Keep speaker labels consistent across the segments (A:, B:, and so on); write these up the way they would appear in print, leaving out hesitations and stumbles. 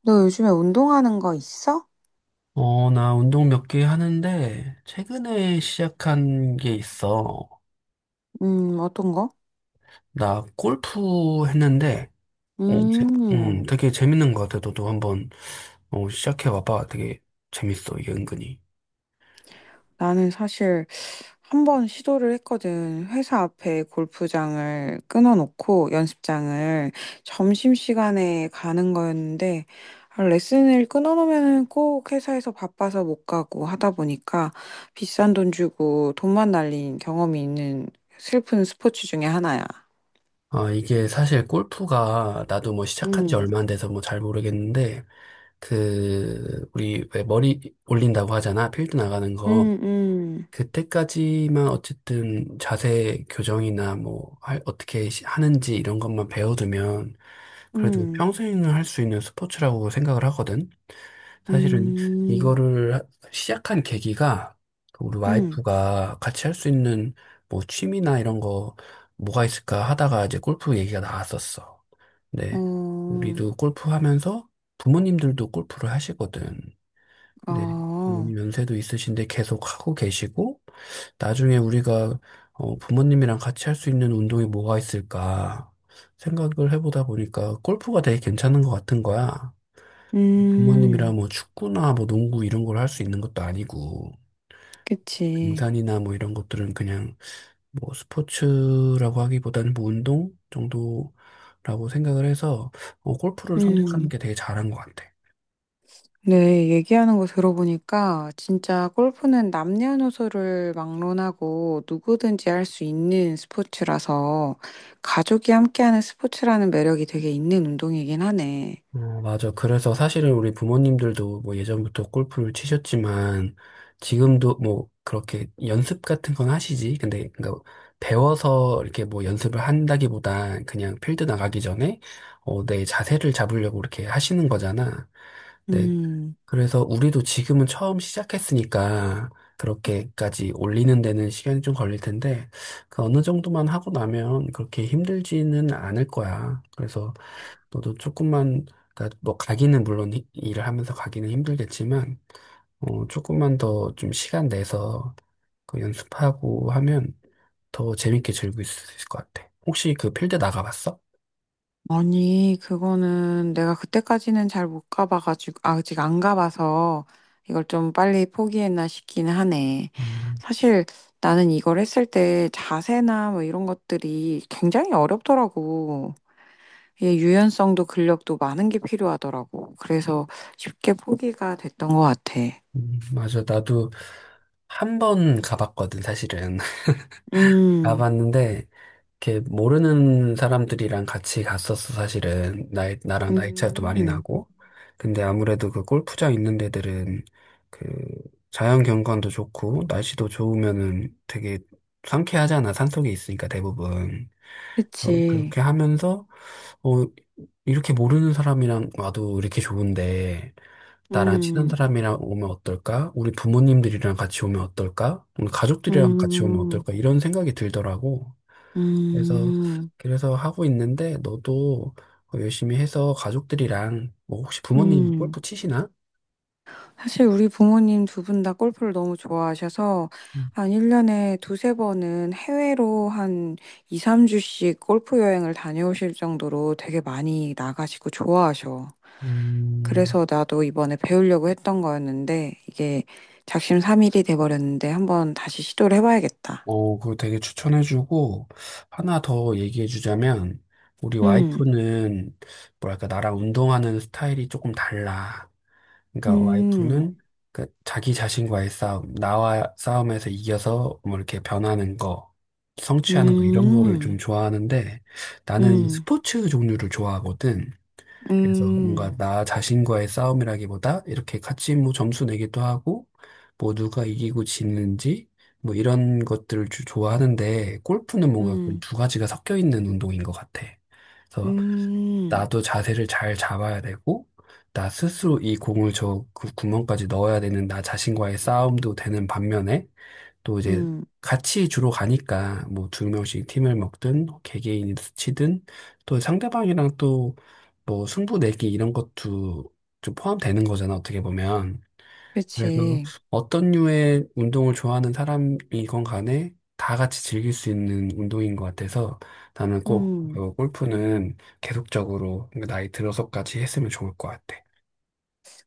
A: 너 요즘에 운동하는 거 있어?
B: 나 운동 몇 개 하는데, 최근에 시작한 게 있어.
A: 어떤 거?
B: 나 골프 했는데, 어, 제-
A: 음,
B: 되게 재밌는 것 같아. 너도 한번, 시작해봐봐. 되게 재밌어, 이게 은근히.
A: 나는 사실 한 번 시도를 했거든. 회사 앞에 골프장을 끊어놓고 연습장을 점심시간에 가는 거였는데, 아, 레슨을 끊어놓으면 꼭 회사에서 바빠서 못 가고 하다 보니까 비싼 돈 주고 돈만 날린 경험이 있는 슬픈 스포츠 중에 하나야.
B: 아, 이게 사실 골프가, 나도 뭐 시작한 지
A: 음,
B: 얼마 안 돼서 뭐 잘 모르겠는데, 그, 우리 왜 머리 올린다고 하잖아. 필드 나가는 거.
A: 음, 음,
B: 그때까지만 어쨌든 자세 교정이나 뭐 어떻게 하는지 이런 것만 배워두면 그래도
A: 음,
B: 평생을 할 수 있는 스포츠라고 생각을 하거든. 사실은
A: 음,
B: 이거를 하- 시작한 계기가 그 우리
A: 음.
B: 와이프가 같이 할 수 있는 뭐 취미나 이런 거 뭐가 있을까 하다가 이제 골프 얘기가 나왔었어. 근데
A: 어,
B: 우리도 골프 하면서 부모님들도 골프를 하시거든. 네.
A: 아,
B: 부모님 연세도 있으신데 계속 하고 계시고 나중에 우리가 부모님이랑 같이 할 수 있는 운동이 뭐가 있을까 생각을 해보다 보니까 골프가 되게 괜찮은 것 같은 거야.
A: 음,
B: 부모님이랑 뭐 축구나 뭐 농구 이런 걸 할 수 있는 것도 아니고
A: 그치.
B: 등산이나 뭐 이런 것들은 그냥 뭐 스포츠라고 하기보다는 뭐 운동 정도라고 생각을 해서 골프를 선택하는
A: 음,
B: 게 되게 잘한 것 같아.
A: 네, 얘기하는 거 들어보니까 진짜 골프는 남녀노소를 막론하고 누구든지 할 수 있는 스포츠라서 가족이 함께하는 스포츠라는 매력이 되게 있는 운동이긴 하네.
B: 어, 맞아. 그래서 사실은 우리 부모님들도 뭐 예전부터 골프를 치셨지만 지금도 뭐 그렇게 연습 같은 건 하시지. 근데 그러니까 배워서 이렇게 뭐 연습을 한다기보다 그냥 필드 나가기 전에 내 자세를 잡으려고 이렇게 하시는 거잖아. 네.
A: 음.
B: 그래서 우리도 지금은 처음 시작했으니까 그렇게까지 올리는 데는 시간이 좀 걸릴 텐데 그 어느 정도만 하고 나면 그렇게 힘들지는 않을 거야. 그래서 너도 조금만, 그러니까 뭐 가기는 물론 일을 하면서 가기는 힘들겠지만, 조금만 더 좀 시간 내서 그 연습하고 하면 더 재밌게 즐길 수 있을 것 같아. 혹시 그 필드 나가봤어?
A: 아니, 그거는 내가 그때까지는 잘 못 가봐가지고, 아직 안 가봐서 이걸 좀 빨리 포기했나 싶긴 하네.
B: 음,
A: 사실 나는 이걸 했을 때 자세나 뭐 이런 것들이 굉장히 어렵더라고. 이게 유연성도 근력도 많은 게 필요하더라고. 그래서 쉽게 포기가 됐던 것 같아.
B: 맞아. 나도 한 번 가봤거든, 사실은.
A: 음,
B: 가봤는데, 이렇게 모르는 사람들이랑 같이 갔었어, 사실은. 나랑 나이 차이도 많이
A: 음,
B: 나고. 근데 아무래도 그 골프장 있는 데들은 그 자연 경관도 좋고, 날씨도 좋으면은 되게 상쾌하잖아. 산속에 있으니까 대부분.
A: 그치.
B: 그렇게 하면서, 어, 이렇게 모르는 사람이랑 와도 이렇게 좋은데, 나랑 친한
A: 음,
B: 사람이랑 오면 어떨까? 우리 부모님들이랑 같이 오면 어떨까? 우리 가족들이랑 같이 오면
A: 음,
B: 어떨까? 이런 생각이 들더라고. 그래서
A: 음,
B: 하고 있는데 너도 열심히 해서 가족들이랑 뭐 혹시 부모님
A: 음.
B: 골프 치시나?
A: 사실 우리 부모님 두 분 다 골프를 너무 좋아하셔서 한 1년에 두세 번은 해외로 한 2, 3주씩 골프 여행을 다녀오실 정도로 되게 많이 나가시고 좋아하셔.
B: 음,
A: 그래서 나도 이번에 배우려고 했던 거였는데 이게 작심삼일이 돼버렸는데 한번 다시 시도를 해봐야겠다.
B: 어, 그거 되게 추천해주고, 하나 더 얘기해주자면, 우리
A: 음,
B: 와이프는, 뭐랄까, 나랑 운동하는 스타일이 조금 달라. 그러니까
A: 음,
B: 와이프는, 그, 자기 자신과의 싸움, 나와 싸움에서 이겨서, 뭐, 이렇게 변하는 거, 성취하는 거, 이런 거를
A: 음,
B: 좀 좋아하는데, 나는
A: 음,
B: 스포츠 종류를 좋아하거든. 그래서
A: 음,
B: 뭔가 나 자신과의 싸움이라기보다 이렇게 같이 뭐 점수 내기도 하고 뭐 누가 이기고 지는지 뭐 이런 것들을 좋아하는데 골프는 뭔가 그
A: 음,
B: 두 가지가 섞여 있는 운동인 것 같아. 그래서
A: 음,
B: 나도 자세를 잘 잡아야 되고 나 스스로 이 공을 저 구멍까지 넣어야 되는 나 자신과의 싸움도 되는 반면에 또 이제
A: 음,
B: 같이 주로 가니까 뭐 두 명씩 팀을 먹든 개개인이 치든 또 상대방이랑 또 뭐 승부 내기 이런 것도 좀 포함되는 거잖아 어떻게 보면 그래서
A: 그치.
B: 어떤 류의 운동을 좋아하는 사람이건 간에 다 같이 즐길 수 있는 운동인 것 같아서 나는 꼭
A: 음.
B: 골프는 계속적으로 나이 들어서까지 했으면 좋을 것 같아.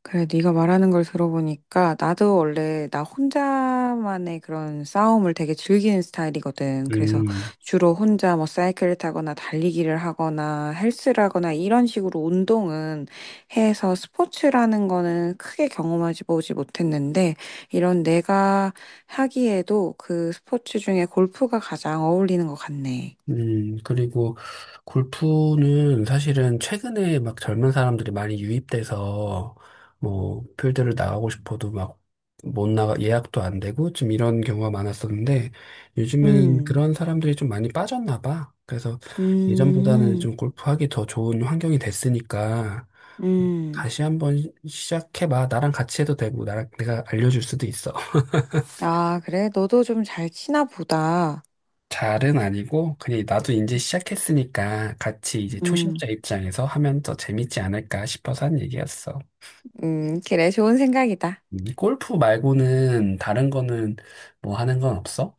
A: 그래, 네가 말하는 걸 들어보니까 나도 원래 나 혼자만의 그런 싸움을 되게 즐기는 스타일이거든. 그래서
B: 음.
A: 주로 혼자 뭐 사이클을 타거나 달리기를 하거나 헬스를 하거나 이런 식으로 운동은 해서 스포츠라는 거는 크게 경험하지 보지 못했는데 이런 내가 하기에도 그 스포츠 중에 골프가 가장 어울리는 것 같네.
B: 그리고 골프는 사실은 최근에 막 젊은 사람들이 많이 유입돼서 뭐 필드를 나가고 싶어도 막 못 나가 예약도 안 되고 좀 이런 경우가 많았었는데 요즘에는
A: 음,
B: 그런 사람들이 좀 많이 빠졌나 봐. 그래서 예전보다는
A: 음,
B: 좀 골프하기 더 좋은 환경이 됐으니까
A: 음.
B: 다시 한번 시작해봐. 나랑 같이 해도 되고 나랑 내가 알려줄 수도 있어.
A: 아, 그래? 너도 좀 잘 치나 보다.
B: 잘은 아니고 그냥 나도 이제 시작했으니까 같이 이제
A: 음.
B: 초심자 입장에서 하면 더 재밌지 않을까 싶어서 한 얘기였어.
A: 그래, 좋은 생각이다.
B: 골프 말고는 다른 거는 뭐 하는 건 없어?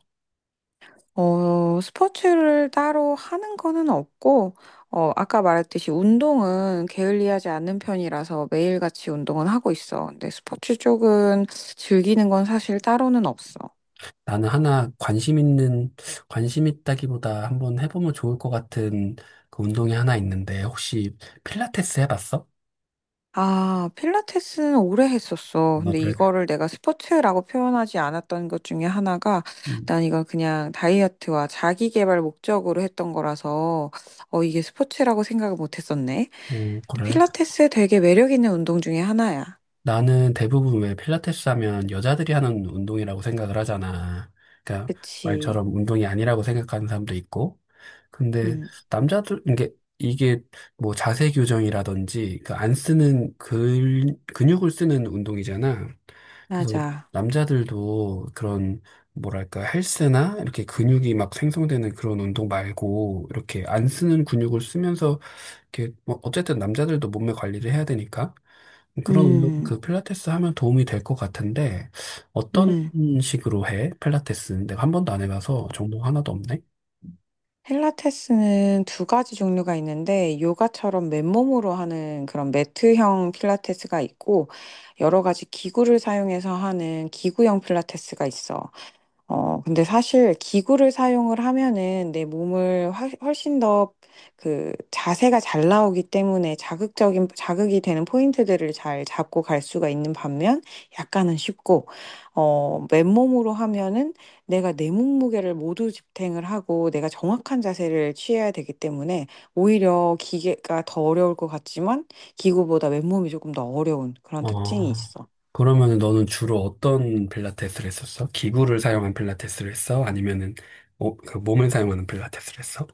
A: 어, 스포츠를 따로 하는 거는 없고, 어, 아까 말했듯이 운동은 게을리하지 않는 편이라서 매일같이 운동은 하고 있어. 근데 스포츠 쪽은 즐기는 건 사실 따로는 없어.
B: 나는 하나 관심 있는 관심 있다기보다 한번 해보면 좋을 것 같은 그 운동이 하나 있는데 혹시 필라테스 해봤어?
A: 아, 필라테스는 오래 했었어.
B: 어,
A: 근데
B: 그래.
A: 이거를 내가 스포츠라고 표현하지 않았던 것 중에 하나가
B: 음,
A: 난 이건 그냥 다이어트와 자기 개발 목적으로 했던 거라서 어, 이게 스포츠라고 생각을 못 했었네.
B: 어,
A: 근데
B: 그래.
A: 필라테스 되게 매력 있는 운동 중에 하나야.
B: 나는 대부분 왜 필라테스 하면 여자들이 하는 운동이라고 생각을 하잖아. 그러니까
A: 그치.
B: 말처럼 운동이 아니라고 생각하는 사람도 있고. 근데
A: 음,
B: 남자들 이게 뭐 자세 교정이라든지 그 안 쓰는 근 근육을 쓰는 운동이잖아. 그래서
A: 맞아.
B: 남자들도 그런 뭐랄까 헬스나 이렇게 근육이 막 생성되는 그런 운동 말고 이렇게 안 쓰는 근육을 쓰면서 이렇게 뭐 어쨌든 남자들도 몸매 관리를 해야 되니까 그런 운동
A: 음,
B: 그 필라테스 하면 도움이 될 것 같은데 어떤
A: 음.
B: 식으로 해? 필라테스 내가 한 번도 안 해봐서 정보 하나도 없네.
A: 필라테스는 두 가지 종류가 있는데, 요가처럼 맨몸으로 하는 그런 매트형 필라테스가 있고, 여러 가지 기구를 사용해서 하는 기구형 필라테스가 있어. 어, 근데 사실 기구를 사용을 하면은 내 몸을 훨씬 더 그 자세가 잘 나오기 때문에 자극이 되는 포인트들을 잘 잡고 갈 수가 있는 반면 약간은 쉽고, 어, 맨몸으로 하면은 내가 내 몸무게를 모두 집탱을 하고 내가 정확한 자세를 취해야 되기 때문에 오히려 기계가 더 어려울 것 같지만 기구보다 맨몸이 조금 더 어려운 그런 특징이
B: 어
A: 있어.
B: 그러면 너는 주로 어떤 필라테스를 했었어? 기구를 사용한 필라테스를 했어? 아니면은 그 몸을 사용하는 필라테스를 했어?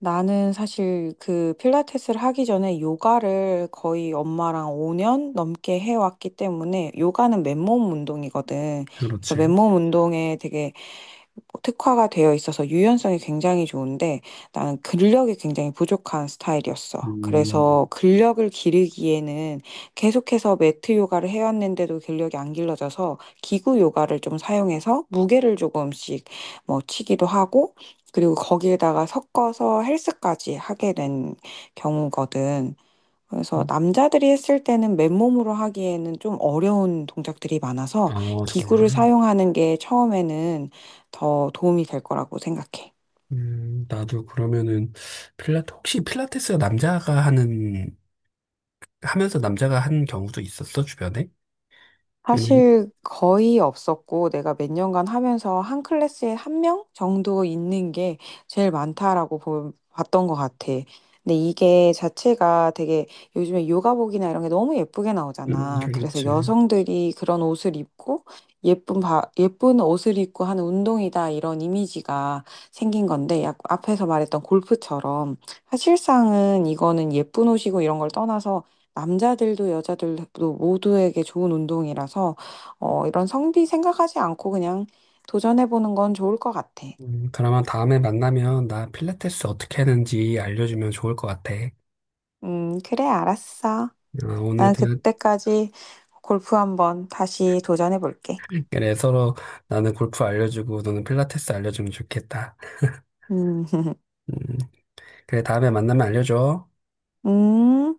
A: 나는 사실 그 필라테스를 하기 전에 요가를 거의 엄마랑 5년 넘게 해왔기 때문에 요가는 맨몸 운동이거든. 그래서
B: 그렇지.
A: 맨몸 운동에 되게 특화가 되어 있어서 유연성이 굉장히 좋은데 나는 근력이 굉장히 부족한 스타일이었어.
B: 음,
A: 그래서 근력을 기르기에는 계속해서 매트 요가를 해왔는데도 근력이 안 길러져서 기구 요가를 좀 사용해서 무게를 조금씩 뭐 치기도 하고 그리고 거기에다가 섞어서 헬스까지 하게 된 경우거든. 그래서 남자들이 했을 때는 맨몸으로 하기에는 좀 어려운 동작들이 많아서
B: 아,
A: 기구를
B: 정말.
A: 사용하는 게 처음에는 더 도움이 될 거라고 생각해.
B: 나도 그러면은, 혹시 필라테스가 남자가 하는 하면서 남자가 한 경우도 있었어, 주변에? 왜냐면,
A: 사실 거의 없었고 내가 몇 년간 하면서 한 클래스에 한 명 정도 있는 게 제일 많다라고 봤던 것 같아. 근데 이게 자체가 되게 요즘에 요가복이나 이런 게 너무 예쁘게 나오잖아. 그래서
B: 그렇지.
A: 여성들이 그런 옷을 입고 예쁜 옷을 입고 하는 운동이다 이런 이미지가 생긴 건데 약 앞에서 말했던 골프처럼 사실상은 이거는 예쁜 옷이고 이런 걸 떠나서 남자들도 여자들도 모두에게 좋은 운동이라서 어, 이런 성비 생각하지 않고 그냥 도전해보는 건 좋을 것 같아.
B: 그러면 다음에 만나면 나 필라테스 어떻게 하는지 알려주면 좋을 것 같아.
A: 그래, 알았어.
B: 어, 오늘
A: 난
B: 대화,
A: 그때까지 골프 한번 다시 도전해볼게.
B: 그래, 서로 나는 골프 알려주고 너는 필라테스 알려주면 좋겠다.
A: 음,
B: 음, 그래, 다음에 만나면 알려줘.
A: 음.